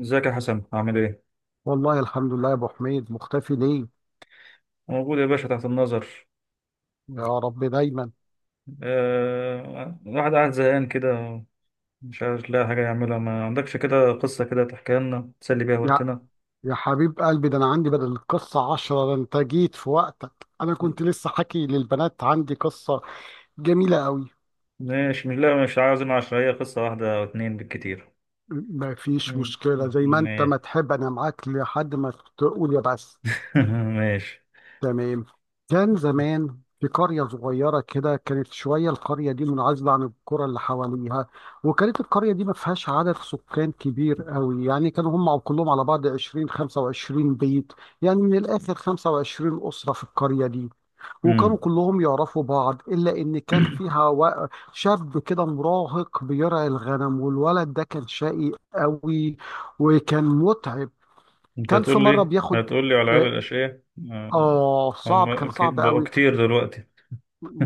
ازيك يا حسن؟ عامل ايه؟ والله الحمد لله يا ابو حميد، مختفي ليه؟ موجود يا باشا، تحت النظر. يا رب دايما. الواحد قاعد زهقان كده، مش عارف لاقي حاجة يعملها. ما عندكش كده قصة كده تحكيها لنا تسلي بيها يا وقتنا؟ يا حبيب قلبي، ده انا عندي بدل القصه عشرة. ده انت جيت في وقتك، انا كنت لسه حكي للبنات عندي قصه جميله قوي. ماشي، مش عاوز عشرية، قصة واحدة أو اتنين بالكتير. ما فيش مم. مشكله، زي ما انت ما ماشي. تحب، انا معاك لحد ما تقول يا بس. ماشي. تمام. كان زمان في قرية صغيرة كده، كانت شوية، القرية دي منعزلة عن القرى اللي حواليها، وكانت القرية دي ما فيهاش عدد سكان كبير قوي، يعني كانوا هم كلهم على بعض 20 25 بيت، يعني من الآخر 25 أسرة في القرية دي. وكانوا مم. كلهم يعرفوا بعض، إلا إن كان فيها شاب كده مراهق بيرعي الغنم، والولد ده كان شقي قوي وكان متعب. انت كان في هتقول مرة لي، بياخد على العيال آه، الأشقياء. آه، آه، صعب، كان هم صعب بقوا قوي. كتير دلوقتي.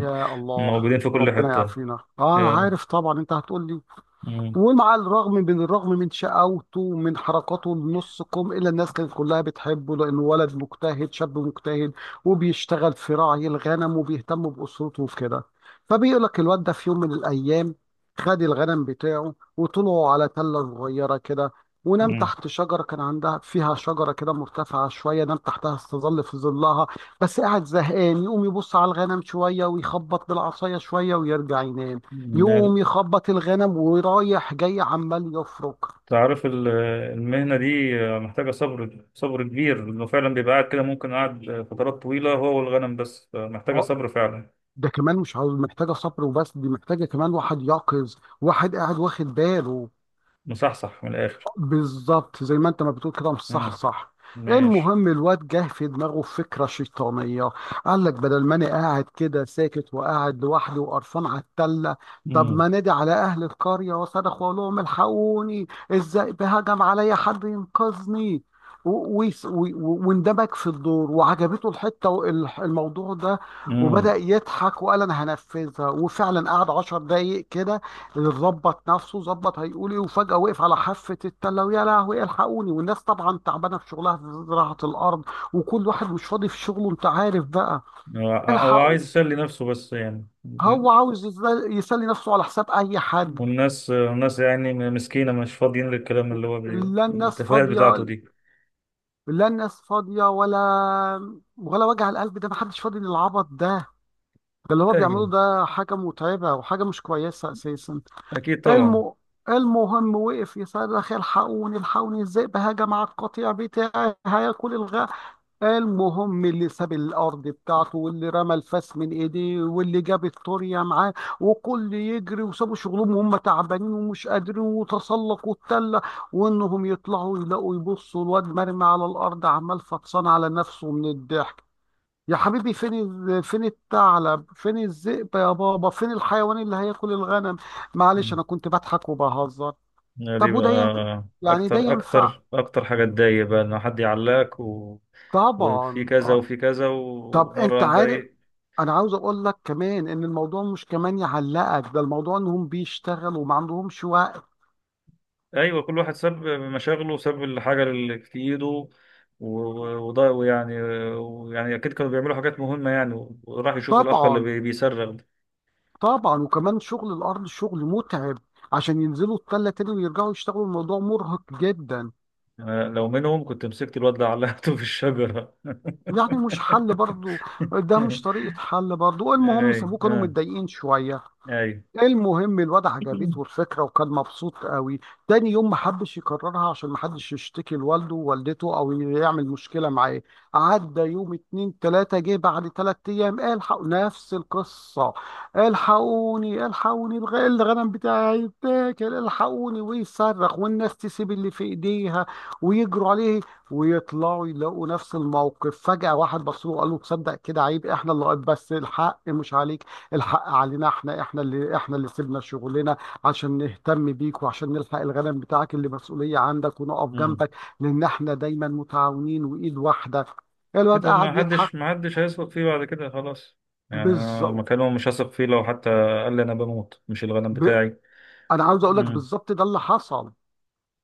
يا الله، موجودين في كل ربنا حتة. يعافينا. اه انا يلا. عارف طبعا انت هتقول لي. مم. ومع الرغم من شقاوته ومن حركاته النص كم، إلا الناس كانت كلها بتحبه، لأنه ولد مجتهد، شاب مجتهد، وبيشتغل في راعي الغنم، وبيهتم بأسرته وكده. فبيقول لك الواد ده في يوم من الأيام خد الغنم بتاعه وطلعوا على تلة صغيرة كده، ونام تحت شجرة، كان عندها فيها شجرة كده مرتفعة شوية، نام تحتها استظل في ظلها. بس قاعد زهقان، يقوم يبص على الغنم شوية ويخبط بالعصاية شوية ويرجع ينام، مم. يقوم يخبط الغنم ورايح جاي عمال يفرك. تعرف ال- المهنة دي محتاجة صبر صبر كبير، لأنه فعلا بيبقى قاعد كده ممكن قاعد فترات طويلة هو والغنم، بس محتاجة اه صبر فعلا. ده كمان مش عاوز- محتاجه صبر وبس، دي محتاجه كمان واحد يقظ، واحد قاعد واخد باله. مصحصح من الآخر. بالظبط زي ما انت ما بتقول كده، مش صح مم. صح ماشي. المهم الواد جه في دماغه فكرة شيطانية، قال لك بدل ما انا قاعد كده ساكت وقاعد لوحدي وقرفان على التلة، طب مم. ما نادي على اهل القرية وصرخ واقول لهم الحقوني، الذئب هجم عليا، حد ينقذني. واندمج في الدور، وعجبته الحتة الموضوع ده، مم. وبدأ يضحك وقال انا هنفذها. وفعلا قعد عشر دقايق كده، ظبط نفسه ظبط، هيقول ايه، وفجأة وقف على حافة التلة ويا لهوي الحقوني. والناس طبعا تعبانة في شغلها في زراعة الأرض، وكل واحد مش فاضي في شغله أنت عارف بقى. هو الحقوا. عايز يسلي نفسه بس يعني. هو عاوز يسلي نفسه على حساب أي حد. والناس يعني مسكينة، مش فاضيين للكلام لا الناس التفاهات فاضية، بتاعته دي. لا الناس فاضية ولا ولا وجع القلب ده، محدش فاضي للعبط ده. ده اللي هو بيعمله أيوه، ده حاجة متعبة وحاجة مش كويسة أساسا. أكيد طبعا. الم... المهم وقف يصرخ الحقوني الحقوني الذئب هجم على القطيع بتاعي هياكل الغاء. المهم اللي ساب الارض بتاعته، واللي رمى الفاس من ايديه، واللي جاب الطرية معاه، وكل يجري، وسابوا شغلهم وهم تعبانين ومش قادرين، وتسلقوا التلة، وانهم يطلعوا يلاقوا يبصوا الواد مرمي على الارض عمال فطسان على نفسه من الضحك. يا حبيبي فين فين الثعلب، فين الذئب يا بابا، فين الحيوان اللي هياكل الغنم؟ معلش مم. انا كنت بضحك وبهزر. دي طب وده ينفع؟ بقى يعني ده ينفع؟ أكتر حاجة تضايق بقى، إن حد يعلقك. وفي طبعا كذا اه. وفي كذا، طب ومرة انت واحدة عارف، ايه. انا عاوز اقول لك كمان ان الموضوع مش كمان يعلقك، ده الموضوع انهم بيشتغلوا وما عندهمش وقت. ايوه، كل واحد ساب مشاغله وساب الحاجة اللي في ايده، وده ويعني ويعني اكيد كانوا بيعملوا حاجات مهمة يعني، وراح يشوف الاخ طبعا بيصرخ ده. طبعا، وكمان شغل الارض شغل متعب، عشان ينزلوا التلة تاني ويرجعوا يشتغلوا، الموضوع مرهق جدا. أنا لو منهم كنت مسكت الواد ده علقته في الشجرة. يعني مش حل برضو، ده مش طريقة حل برضو. المهم اي، سابوه كانوا اه، متضايقين شوية. اي. المهم الواد عجبته الفكرة وكان مبسوط قوي. تاني يوم ما حبش يكررها عشان ما حدش يشتكي لوالده ووالدته او يعمل مشكلة معاه. عدى يوم اتنين تلاتة، جه بعد تلات ايام الحقوا نفس القصة، الحقوني الحقوني الغنم بتاعي اتاكل الحقوني، ويصرخ والناس تسيب اللي في ايديها ويجروا عليه، ويطلعوا يلاقوا نفس الموقف. فجأة واحد بص له وقال له تصدق كده عيب، احنا اللي بس الحق مش عليك، الحق علينا احنا، احنا اللي سيبنا شغلنا عشان نهتم بيك، وعشان نلحق الغنم بتاعك اللي مسؤولية عندك، ونقف مم. جنبك، لان احنا دايما متعاونين وايد واحدة. الواد كده ما قاعد حدش، يضحك. ما حدش هيثق فيه بعد كده خلاص. يعني انا بالظبط. مكانهم مش هثق فيه، لو حتى قال لي انا بموت، مش الغنم ب... بتاعي. انا عاوز اقول لك بالظبط ده اللي حصل.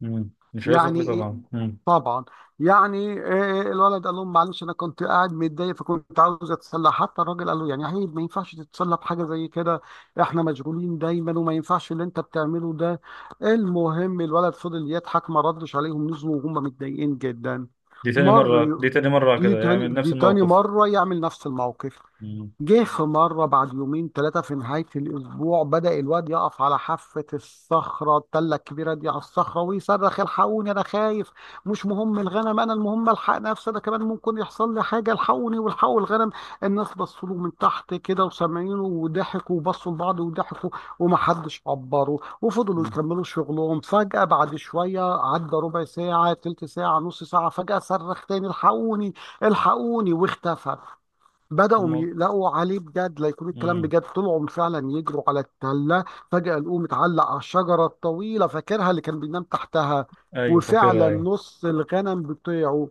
مم. مش هيثق يعني فيه إيه؟ طبعا. مم. طبعا. يعني آه، آه، الولد قال لهم معلش انا كنت قاعد متضايق فكنت عاوز اتسلى. حتى الراجل قال له يعني هي ما ينفعش تتسلى بحاجه زي كده، احنا مشغولين دايما وما ينفعش اللي انت بتعمله ده. المهم الولد فضل يضحك ما ردش عليهم، نزلوا وهم متضايقين جدا. مر ي- دي تاني مرة دي كده تاني يعمل نفس دي تاني الموقف. مره يعمل نفس الموقف. مم. جه في مرة بعد يومين ثلاثة في نهاية الأسبوع، بدأ الواد يقف على حافة الصخرة التلة الكبيرة دي على الصخرة ويصرخ الحقوني أنا خايف، مش مهم الغنم، أنا المهم ألحق نفسي أنا كمان ممكن يحصل لي حاجة، الحقوني والحقوا الغنم. الناس بصوا له من تحت كده وسامعينه وضحكوا، وبصوا لبعض وضحكوا، ومحدش عبره وفضلوا مم. يكملوا شغلهم. فجأة بعد شوية عدى ربع ساعة تلت ساعة نص ساعة، فجأة صرخ تاني الحقوني الحقوني واختفى. بدأوا مم. يقلقوا عليه بجد، لا يكون الكلام مم. بجد، طلعوا فعلا يجروا على التلة. فجأة لقوه متعلق على الشجرة الطويلة فاكرها اللي كان بينام تحتها، أيوة فاكرها، وفعلا أيوة. نص الغنم بتوعه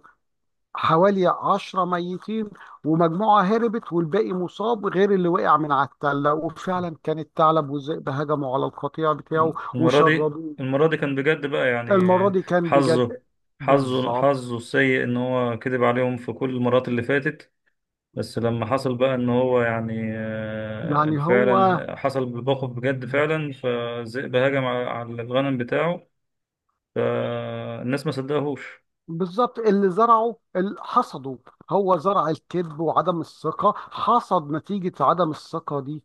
حوالي عشرة ميتين، ومجموعة هربت، والباقي مصاب، غير اللي وقع من على التلة، وفعلا كان الثعلب والذئب هجموا على القطيع بتاعه وشردوه. المرة دي كان بجد بقى المرة يعني. دي كان حظه، بجد. بالظبط. حظه السيء إن هو كذب عليهم في كل المرات اللي فاتت. بس لما حصل بقى إن هو يعني آه، يعني هو فعلا حصل بالموقف بجد فعلا، فالذئب هجم على الغنم بتاعه. فالناس ما صدقهوش. بالظبط اللي زرعه اللي حصده، هو زرع الكذب وعدم الثقة، حصد نتيجة عدم الثقة دي.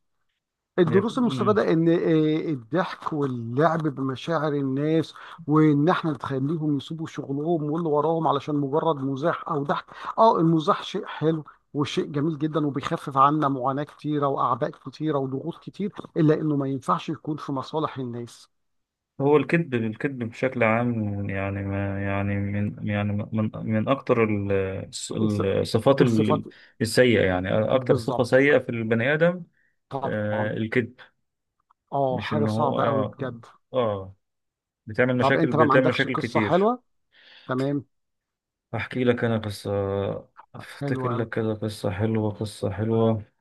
الدروس المستفادة إن آه، الضحك واللعب بمشاعر الناس، وإن إحنا نخليهم يسيبوا شغلهم واللي وراهم علشان مجرد مزاح أو ضحك. آه المزاح شيء حلو، وشيء جميل جدا، وبيخفف عنا معاناة كتيرة وأعباء كتيرة وضغوط كتير، إلا إنه ما ينفعش يكون في مصالح الناس. هو الكذب، بشكل عام، يعني ما يعني من يعني من من اكتر الص- الص- الصفات الصفات. السيئه يعني. اكتر صفه بالظبط. سيئه في البني ادم، طبعا. آه، الكذب. آه، مش حاجة ان هو صعبة أوي اه بجد. اه بتعمل طب مشاكل، انت بقى ما بتعمل عندكش مشاكل قصة كتير. حلوة؟ تمام. احكي لك انا قصه. افتكر حلوة قوي. لك كده قصه حلوه، قصه حلوه.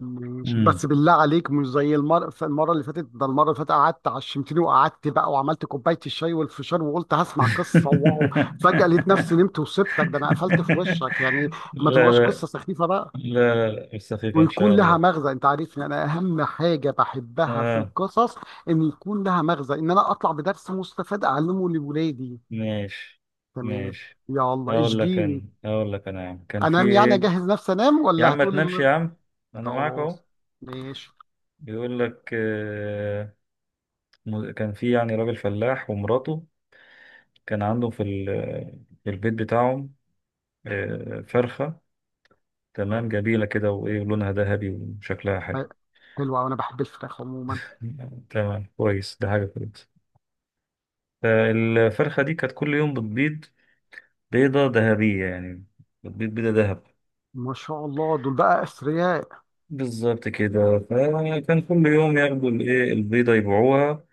ماشي، امم بس بالله عليك مش زي المرة، المرة اللي فاتت ده المرة اللي فاتت قعدت عشمتني، وقعدت بقى وعملت كوباية الشاي والفشار، وقلت هسمع قصة، واو، فجأة لقيت نفسي نمت وسبتك، ده انا قفلت في وشك يعني. ما لا تبقاش لا قصة سخيفة بقى، بس خفيفة ان شاء ويكون لها الله. مغزى، انت عارفني انا اهم حاجة بحبها في آه. القصص ان يكون لها مغزى، ان انا اطلع بدرس مستفاد اعلمه لولادي. ماشي. تمام. ماشي. يلا هقول لك اشجيني. انا، يا عم كان في انام يعني، ايه. اجهز نفسي انام يا ولا عم ما تنامش هتقولي؟ يا عم، انا معاك اهو. خلاص. ماشي. بيقول لك آه، كان في يعني راجل فلاح ومراته. كان عندهم في في البيت بتاعهم آه، فرخة، تمام، جميلة كده وايه، لونها ذهبي وشكلها ح- حلو. حلو أوي، انا بحب الفراخ عموما. تمام كويس، ده حاجة كويسة. فالفرخة دي كانت كل يوم بتبيض بيضة ذهبية يعني، بتبيض بيضة ذهب. ما شاء الله، دول بقى اثرياء. بالظبط كده. فكان كل يوم ياخدوا الايه، البيضة، يبيعوها،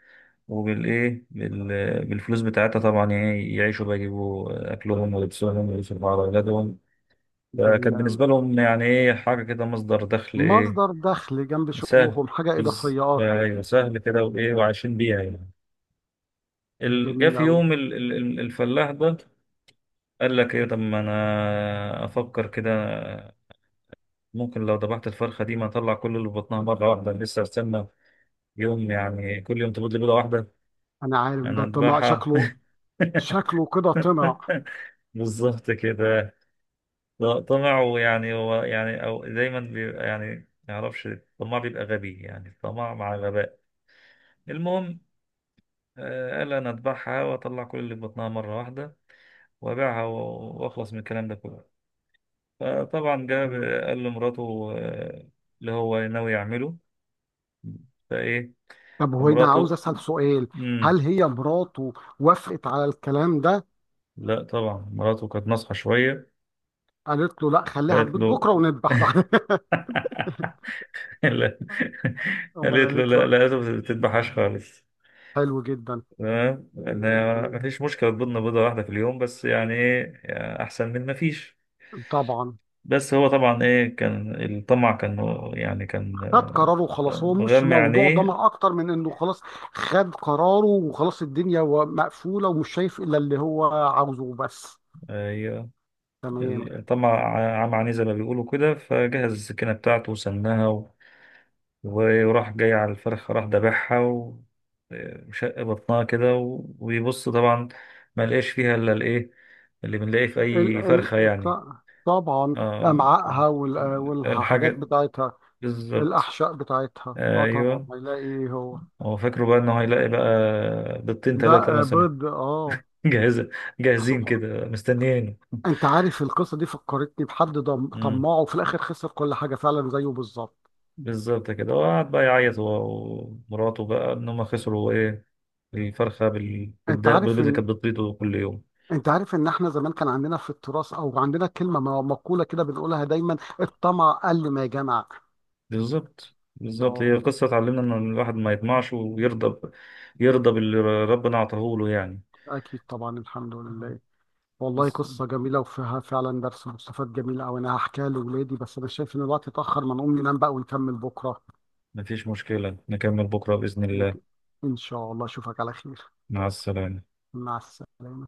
وبالايه، بالفلوس بتاعتها طبعا، يعني يعيشوا بقى، يجيبوا اكلهم ولبسهم ويصرفوا على اولادهم. فكانت جميله قوي. بالنسبة لهم يعني ايه، حاجة كده مصدر دخل ايه، مصدر دخل جنب سهل. شغلهم، حاجه بس اضافيه اه. ايوه سهل كده وايه، وعايشين بيها يعني. جه جميله في قوي. يوم الفلاح ده قال لك ايه، طب ما انا افكر كده، ممكن لو ذبحت الفرخة دي، ما اطلع كل اللي في بطنها مرة واحدة، لسه استنى يوم يعني كل يوم تبيض لي بيضة واحدة، انا عارف أنا ده طمع أذبحها. شكله، شكله كده طمع. بالظبط كده. طمع، ويعني هو يعني، أو دايما بيبقى يعني، ما يعرفش الطماع بيبقى غبي، يعني الطمع مع غباء. المهم، آه، قال أنا أذبحها وأطلع كل اللي في بطنها مرة واحدة وأبيعها وأخلص من الكلام ده كله. فطبعا جاب، حلو. قال لمراته آه، اللي هو ناوي يعمله. فإيه طب هو انا عاوز مراته، اسال سؤال، مم. هل هي مراته وافقت على الكلام ده؟ لا طبعا مراته كانت ناصحة شوية. قالت له لا خليها في قالت بيت له بكره ونذبح بعد لا. امال قالت له قالت له؟ لا، لقيته ما بتذبحهاش خالص. حلو جدا. تمام، ان هي تمام. ما فيش مشكله تبيضنا بيضه واحده في اليوم بس، يعني ايه، يعني احسن من ما فيش. طبعا. بس هو طبعا ايه، كان الطمع كان يعني كان خد قراره وخلاص، هو آه، مش مغمى موضوع عينيه. ضمير اكتر من انه خلاص خد قراره وخلاص، الدنيا مقفوله ومش شايف الا اللي هو عاوزه وبس. آه، تمام. الطمع عمى عينيه زي ما بيقولوا كده. فجهز السكينه بتاعته وسناها، وراح جاي على الفرخة، راح دبحها وشق بطنها كده ويبص طبعا، ما لقاش فيها الا الايه، اللي بنلاقيه في ال اي فرخة ال يعني، ط- طبعا. آه امعائها والحاجات الحاجة. بتاعتها، بالظبط. الاحشاء بتاعتها، اه طبعا ايوه، هيلاقي ايه هو؟ هو فاكره بقى انه هيلاقي بقى بيضتين ده ثلاثة آه، مثلا. بيض اه. جاهزة، جاهزين سبحان. كده مستنيينه. انت عارف القصه دي فكرتني بحد امم طماعه وفي الاخر خسر كل حاجه فعلا زيه بالظبط. بالظبط كده. وقعد بقى يعيط هو ومراته بقى ان هم خسروا ايه، الفرخة انت بالبيض عارف اللي ان كانت بتبيضه كل يوم. انت عارف ان احنا زمان كان عندنا في التراث او عندنا كلمه مقوله كده بنقولها دايما، الطمع قل ما جمع. بالظبط، بالظبط. هي اه قصة تعلمنا إن الواحد ما يطمعش ويرضى يرضى باللي ربنا أعطاه له يعني. اكيد طبعا، الحمد لله. والله بس قصه جميله وفيها فعلا درس مستفاد جميل قوي، انا هحكيها لاولادي، بس انا شايف ان الوقت اتاخر، ما نقوم ننام بقى ونكمل بكره. مفيش مشكلة نكمل بكرة بإذن الله. ممكن. ان شاء الله اشوفك على خير. مع السلامة. مع السلامه.